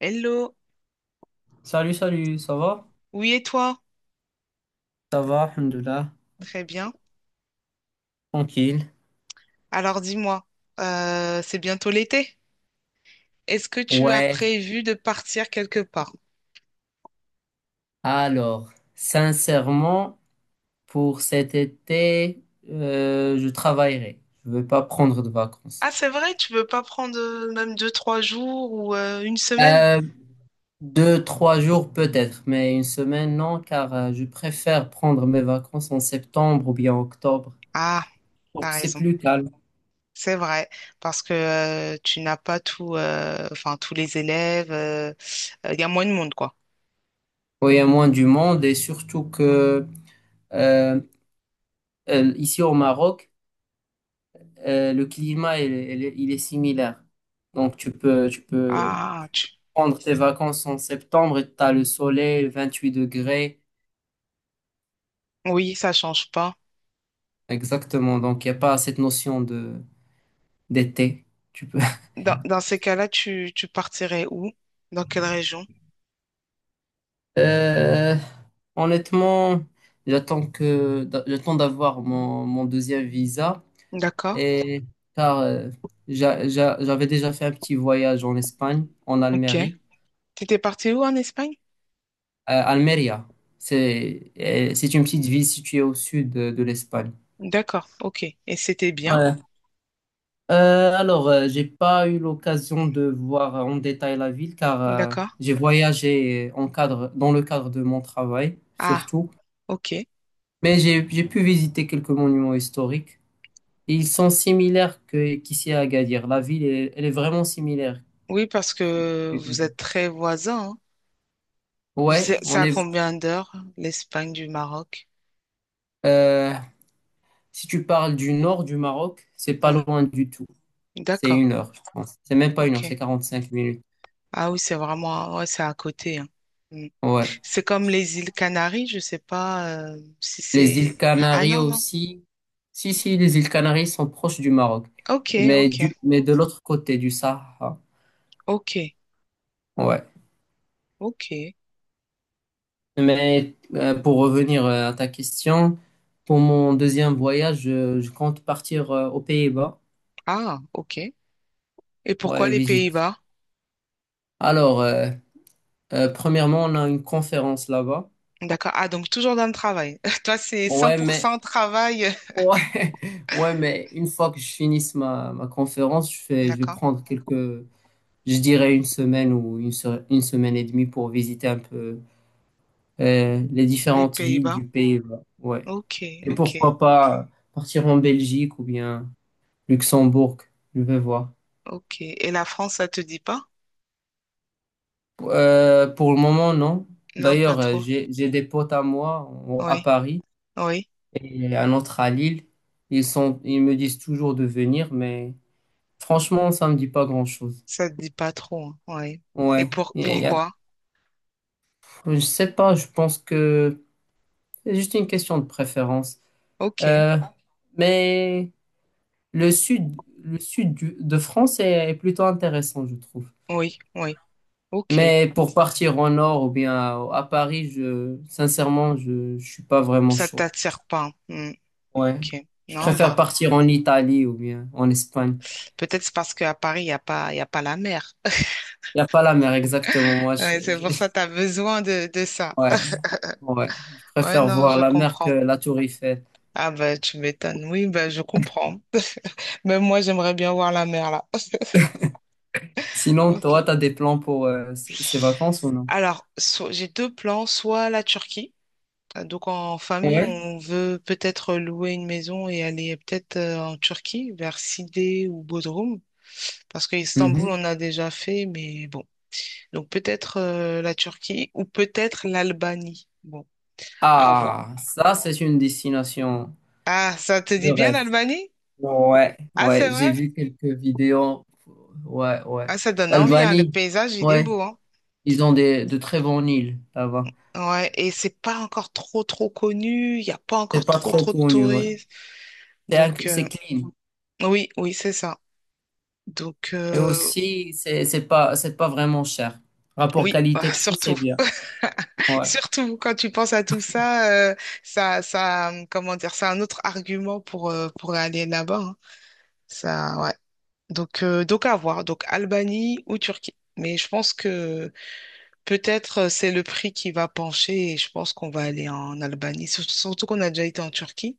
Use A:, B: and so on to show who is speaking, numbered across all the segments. A: Hello,
B: Salut, salut, ça va?
A: oui et toi?
B: Ça va, alhamdoulilah,
A: Très bien.
B: tranquille.
A: Alors dis-moi, c'est bientôt l'été. Est-ce que tu as
B: Ouais,
A: prévu de partir quelque part?
B: alors, sincèrement, pour cet été, je travaillerai. Je ne vais pas prendre de vacances.
A: Ah, c'est vrai, tu veux pas prendre même deux, trois jours ou une semaine?
B: Euh, Deux, trois jours peut-être, mais une semaine, non, car je préfère prendre mes vacances en septembre ou bien octobre.
A: Ah,
B: Donc
A: t'as
B: c'est
A: raison.
B: plus calme.
A: C'est vrai, parce que tu n'as pas tout, enfin tous les élèves. Il y a moins de monde, quoi.
B: Oui, il y a moins du monde et surtout que euh, ici au Maroc, le climat, il est similaire. Donc, tu peux
A: Ah, tu...
B: prendre tes vacances en septembre et tu as le soleil, 28 degrés.
A: oui, ça change pas.
B: Exactement. Donc, il n'y a pas cette notion de d'été. Tu peux.
A: Dans ces cas-là, tu partirais où? Dans quelle région?
B: Euh, Honnêtement, j'attends d'avoir mon deuxième visa
A: D'accord.
B: et car j'avais déjà fait un petit voyage en Espagne, en
A: Ok.
B: Almérie.
A: T'étais parti où en Espagne?
B: Almeria. C'est une petite ville située au sud de l'Espagne.
A: D'accord, ok. Et c'était bien?
B: Ouais. J'ai pas eu l'occasion de voir en détail la ville car
A: D'accord.
B: j'ai voyagé en cadre, dans le cadre de mon travail
A: Ah,
B: surtout,
A: ok.
B: mais j'ai pu visiter quelques monuments historiques, et ils sont similaires que qu'ici à Agadir. La ville est, elle est vraiment similaire
A: Oui, parce que vous
B: qu'Agadir.
A: êtes très voisins, hein.
B: Ouais,
A: C'est
B: on
A: à
B: est.
A: combien d'heures, l'Espagne du Maroc?
B: Euh, si tu parles du nord du Maroc, c'est pas
A: Oui,
B: loin du tout. C'est
A: d'accord,
B: une heure, je pense. C'est même pas une
A: ok.
B: heure, c'est 45 minutes.
A: Ah oui, c'est vraiment, ouais, c'est à côté, hein. Mm.
B: Ouais.
A: C'est comme les îles Canaries, je sais pas si
B: Les îles
A: c'est... Ah
B: Canaries
A: non, non.
B: aussi. Si, si, les îles Canaries sont proches du Maroc.
A: Ok,
B: Mais,
A: ok,
B: de l'autre côté du Sahara.
A: ok,
B: Ouais.
A: ok.
B: Mais pour revenir à ta question, pour mon deuxième voyage, je compte partir aux Pays-Bas.
A: Ah, ok. Et pourquoi
B: Ouais,
A: les
B: visite.
A: Pays-Bas?
B: Alors, euh, Premièrement, on a une conférence là-bas.
A: D'accord. Ah, donc toujours dans le travail. Toi, c'est
B: Ouais, mais,
A: 100% travail.
B: ouais, ouais, mais une fois que je finisse ma conférence, je vais
A: D'accord.
B: prendre quelques, je dirais une semaine ou une semaine et demie pour visiter un peu les
A: Les
B: différentes villes
A: Pays-Bas.
B: du pays. Ouais.
A: Ok,
B: Et
A: ok,
B: pourquoi pas partir en Belgique ou bien Luxembourg, je vais voir.
A: ok. Et la France, ça te dit pas?
B: Pour le moment, non.
A: Non, pas
B: D'ailleurs,
A: trop.
B: j'ai des potes à moi à
A: Oui,
B: Paris
A: oui,
B: et un autre à Lille. Ils me disent toujours de venir, mais franchement, ça me dit pas grand-chose.
A: ça te dit pas trop, hein. Oui. Et
B: Ouais.
A: pour pourquoi?
B: Je sais pas, je pense que c'est juste une question de préférence.
A: Ok,
B: Euh, mais Le sud, de France est plutôt intéressant, je trouve.
A: oui, oui, ok.
B: Mais pour partir en nord ou bien à Paris, sincèrement, je suis pas vraiment
A: Ça
B: chaud.
A: t'attire pas, hein. Hmm,
B: Ouais.
A: ok.
B: Je
A: Non,
B: préfère
A: bah
B: partir en Italie ou bien en Espagne.
A: peut-être c'est parce qu'à Paris, il y a pas la mer.
B: Il n'y a pas la mer exactement, moi.
A: Ouais, c'est pour ça que tu as besoin de ça.
B: Ouais, ouais. Je
A: Ouais,
B: préfère
A: non,
B: voir
A: je
B: la mer que
A: comprends.
B: la tour Eiffel.
A: Ah bah tu m'étonnes. Oui, bah je comprends. Même moi, j'aimerais bien voir la mer là.
B: Sinon,
A: Ok.
B: toi, tu as des plans pour ces vacances ou non?
A: Alors, j'ai deux plans, soit la Turquie. Ah, donc en famille,
B: Ouais.
A: on veut peut-être louer une maison et aller peut-être en Turquie, vers Sidé ou Bodrum, parce qu'Istanbul
B: Mhm.
A: on a déjà fait, mais bon. Donc peut-être la Turquie ou peut-être l'Albanie. Bon, à voir.
B: Ah, ça, c'est une destination
A: Ah, ça te
B: de
A: dit bien
B: rêve.
A: l'Albanie?
B: Ouais,
A: Ah, c'est
B: ouais, j'ai
A: vrai.
B: vu quelques vidéos. Ouais, ouais.
A: Ah, ça donne envie, hein. Le
B: L'Albanie,
A: paysage, il est
B: ouais,
A: beau, hein.
B: ils ont des, de très bonnes îles là-bas.
A: Ouais, et c'est pas encore trop, trop connu. Il n'y a pas
B: C'est
A: encore
B: pas
A: trop,
B: trop
A: trop de
B: connu, ouais.
A: touristes. Donc
B: C'est clean.
A: oui, oui, c'est ça. Donc
B: Et aussi, c'est pas vraiment cher. Rapport
A: oui,
B: qualité-prix, c'est
A: surtout.
B: bien. Ouais.
A: Surtout quand tu penses à tout ça, ça, ça, comment dire, c'est un autre argument pour aller là-bas, hein. Ça, ouais. Donc à voir. Donc Albanie ou Turquie. Mais je pense que peut-être c'est le prix qui va pencher et je pense qu'on va aller en Albanie. Surtout qu'on a déjà été en Turquie.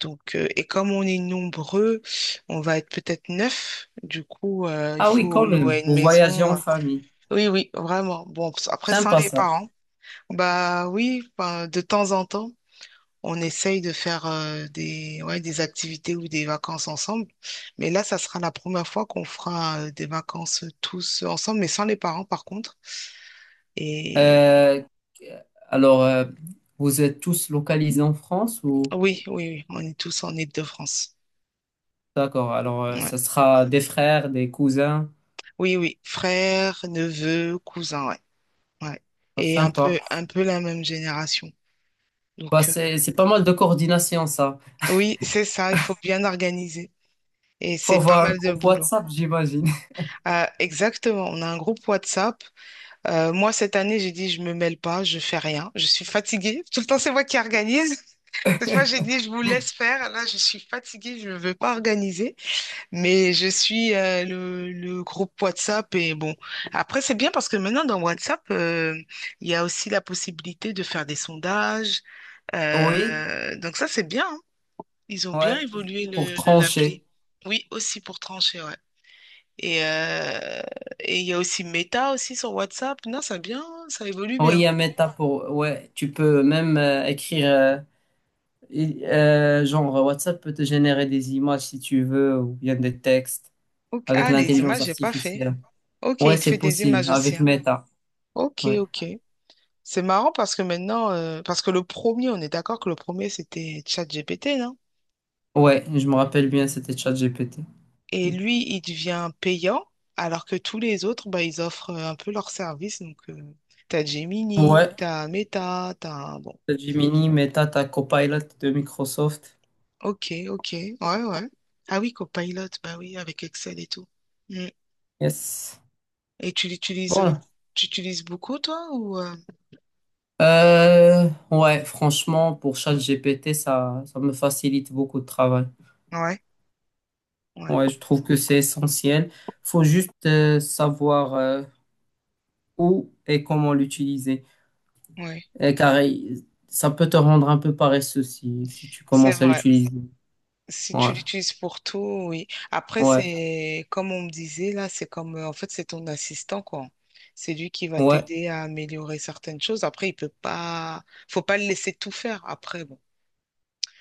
A: Donc, et comme on est nombreux, on va être peut-être neuf. Du coup, il
B: Ah oui,
A: faut
B: quand même.
A: louer une
B: Vous voyagez en
A: maison.
B: famille.
A: Oui, oui, vraiment. Bon, après, sans
B: Sympa
A: les
B: ça.
A: parents. Bah oui, enfin, de temps en temps. On essaye de faire des, ouais, des activités ou des vacances ensemble. Mais là, ça sera la première fois qu'on fera des vacances tous ensemble, mais sans les parents par contre. Et
B: Euh, alors, euh, Vous êtes tous localisés en France ou?
A: oui, oui, oui, on est tous en Île-de-France.
B: D'accord. Alors,
A: Ouais.
B: ça sera des frères, des cousins.
A: Oui, oui, frères, neveux, cousins, ouais. Ouais.
B: Ah,
A: Et
B: sympa.
A: un peu la même génération. Donc,
B: C'est pas mal de coordination, ça.
A: oui, c'est ça, il faut bien organiser. Et
B: Faut
A: c'est pas
B: avoir un
A: mal de
B: groupe
A: boulot.
B: WhatsApp, j'imagine.
A: Exactement, on a un groupe WhatsApp. Moi, cette année, j'ai dit, je me mêle pas, je fais rien, je suis fatiguée. Tout le temps, c'est moi qui organise. Cette fois, j'ai dit, je vous laisse faire. Là, je suis fatiguée, je ne veux pas organiser. Mais je suis le groupe WhatsApp. Et bon, après, c'est bien parce que maintenant, dans WhatsApp, il y a aussi la possibilité de faire des sondages. Euh,
B: Oui,
A: donc ça, c'est bien, hein. Ils ont bien
B: ouais,
A: évolué
B: pour
A: le, l'appli.
B: trancher.
A: Oui, aussi pour trancher, ouais. Et euh, et il y a aussi Meta aussi sur WhatsApp. Non, ça bien, ça évolue
B: Oui, il y
A: bien.
B: a Meta pour... Ouais, tu peux même écrire... genre, WhatsApp peut te générer des images si tu veux, ou bien des textes,
A: Ok.
B: avec
A: Ah, les
B: l'intelligence
A: images, j'ai pas fait.
B: artificielle.
A: Ok, il
B: Ouais,
A: te fait
B: c'est
A: des
B: possible,
A: images aussi,
B: avec
A: hein.
B: Meta.
A: Ok,
B: Ouais,
A: ok. C'est marrant parce que maintenant, parce que le premier, on est d'accord que le premier, c'était ChatGPT, non?
B: ouais, je me rappelle bien, c'était ChatGPT.
A: Et lui, il devient payant, alors que tous les autres, bah, ils offrent un peu leur service. Donc, t'as Gemini,
B: Ouais,
A: t'as Meta, t'as... Bon,
B: Gemini, Meta, ta Copilot de Microsoft.
A: ok, ok. Ouais, ouais. Ah oui, Copilot, bah oui, avec Excel et tout. Hmm.
B: Yes.
A: Et
B: Bon.
A: tu utilises beaucoup, toi, ou.
B: Ouais, franchement, pour ChatGPT, ça me facilite beaucoup de travail.
A: Ouais, ouais,
B: Ouais, je trouve que c'est essentiel. Faut juste savoir où et comment l'utiliser.
A: ouais.
B: Ça peut te rendre un peu paresseux si tu
A: C'est
B: commences à
A: vrai.
B: l'utiliser.
A: Si tu
B: Ouais,
A: l'utilises pour tout, oui. Après,
B: ouais,
A: c'est comme on me disait là, c'est comme en fait, c'est ton assistant, quoi. C'est lui qui va
B: ouais,
A: t'aider à améliorer certaines choses. Après, il peut pas, faut pas le laisser tout faire. Après, bon,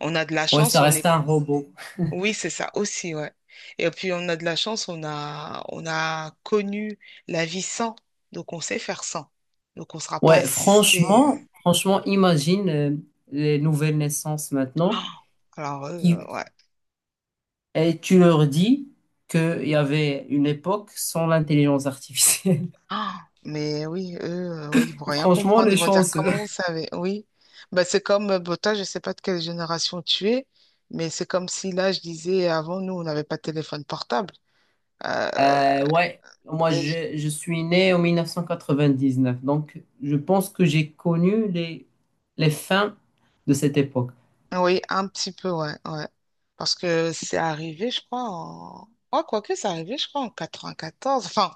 A: on a de la
B: ouais,
A: chance,
B: ça
A: on est,
B: reste un robot.
A: oui, c'est ça aussi, ouais. Et puis, on a de la chance, on a connu la vie sans, donc on sait faire sans. Donc, on sera pas
B: Ouais,
A: assisté.
B: franchement, franchement, imagine les nouvelles naissances maintenant
A: Ah, alors, eux,
B: qui,
A: ouais.
B: et tu leur dis qu'il y avait une époque sans l'intelligence artificielle.
A: Ah, mais oui, eux, oui, ils vont rien
B: Franchement,
A: comprendre.
B: les est
A: Ils vont dire,
B: chanceux.
A: comment vous savez? Oui. Bah, c'est comme, bon, toi, je ne sais pas de quelle génération tu es, mais c'est comme si là, je disais, avant, nous, on n'avait pas de téléphone portable. Euh, les-
B: Je suis né en 1999, donc je pense que j'ai connu les fins de cette époque.
A: Oui, un petit peu, ouais, ouais. Parce que c'est arrivé, je crois, en... Ouais, quoique, c'est arrivé, je crois, en 94. Enfin,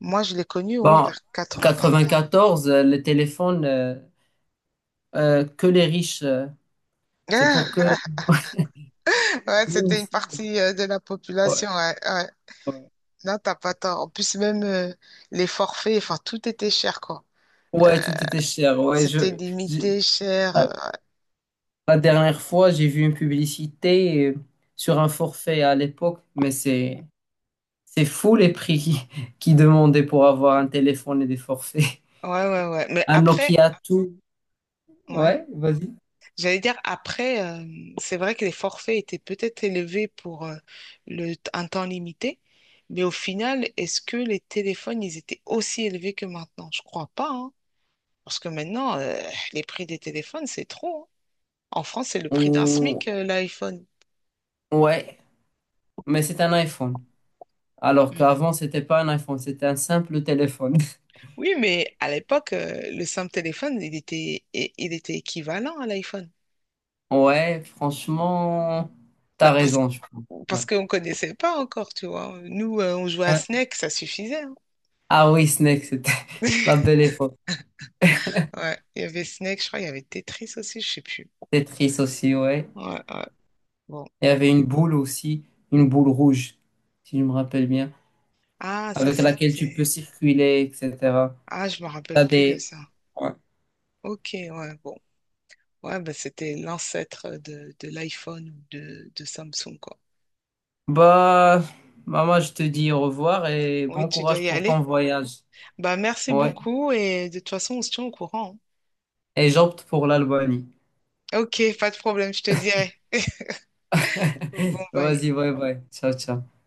A: moi, je l'ai connu, oui,
B: Bon,
A: vers 94.
B: 94, que les riches, c'est pour que...
A: Ouais,
B: Nous,
A: c'était une
B: ici,
A: partie de la
B: ouais,
A: population, ouais, ouais.
B: ouais.
A: Non, t'as pas tort. En plus, même les forfaits, enfin, tout était cher, quoi.
B: Ouais, tout était cher.
A: C'était
B: Je-
A: limité, cher.
B: La dernière fois, j'ai vu une publicité sur un forfait à l'époque, mais c'est fou les prix qui, qui demandaient pour avoir un téléphone et des forfaits.
A: Ouais, ouais, ouais. Mais
B: Un
A: après,
B: Nokia tout.
A: ouais.
B: Ouais, vas-y.
A: J'allais dire, après, c'est vrai que les forfaits étaient peut-être élevés pour le, un temps limité. Mais au final, est-ce que les téléphones, ils étaient aussi élevés que maintenant? Je crois pas, hein. Parce que maintenant, les prix des téléphones, c'est trop, hein. En France, c'est le prix d'un SMIC,
B: Ou-
A: l'iPhone.
B: Ouais, mais c'est un iPhone. Alors
A: Mm.
B: qu'avant, c'était pas un iPhone, c'était un simple téléphone.
A: Oui, mais à l'époque, le simple téléphone, il était, il était équivalent à l'iPhone.
B: Ouais, franchement,
A: Bah,
B: t'as
A: parce,
B: raison, je pense. Ouais.
A: parce qu'on ne connaissait pas encore, tu vois. Nous, on jouait à
B: Euh,
A: Snake, ça suffisait, hein.
B: ah oui, Snake, c'était la belle époque.
A: Ouais, il y avait Snake, je crois, il y avait Tetris aussi, je sais plus.
B: Tetris aussi, ouais.
A: Ouais, ouais, bon.
B: Et il y avait une boule aussi, une boule rouge, si je me rappelle bien,
A: Ah, ça,
B: avec laquelle tu peux
A: c'était...
B: circuler, etc.
A: Ah, je me rappelle
B: T'as
A: plus de
B: des...
A: ça.
B: Ouais.
A: Ok, ouais, bon. Ouais, bah, c'était l'ancêtre de l'iPhone ou de Samsung, quoi.
B: Bah, maman, je te dis au revoir et
A: Oui,
B: bon
A: tu dois
B: courage
A: y
B: pour ton
A: aller.
B: voyage.
A: Bah, merci
B: Ouais.
A: beaucoup et de toute façon, on se tient au courant,
B: Et j'opte pour l'Albanie.
A: hein. Ok, pas de problème, je te dirai. Bon, bye.
B: Vas-y, bye bye. Ciao, ciao.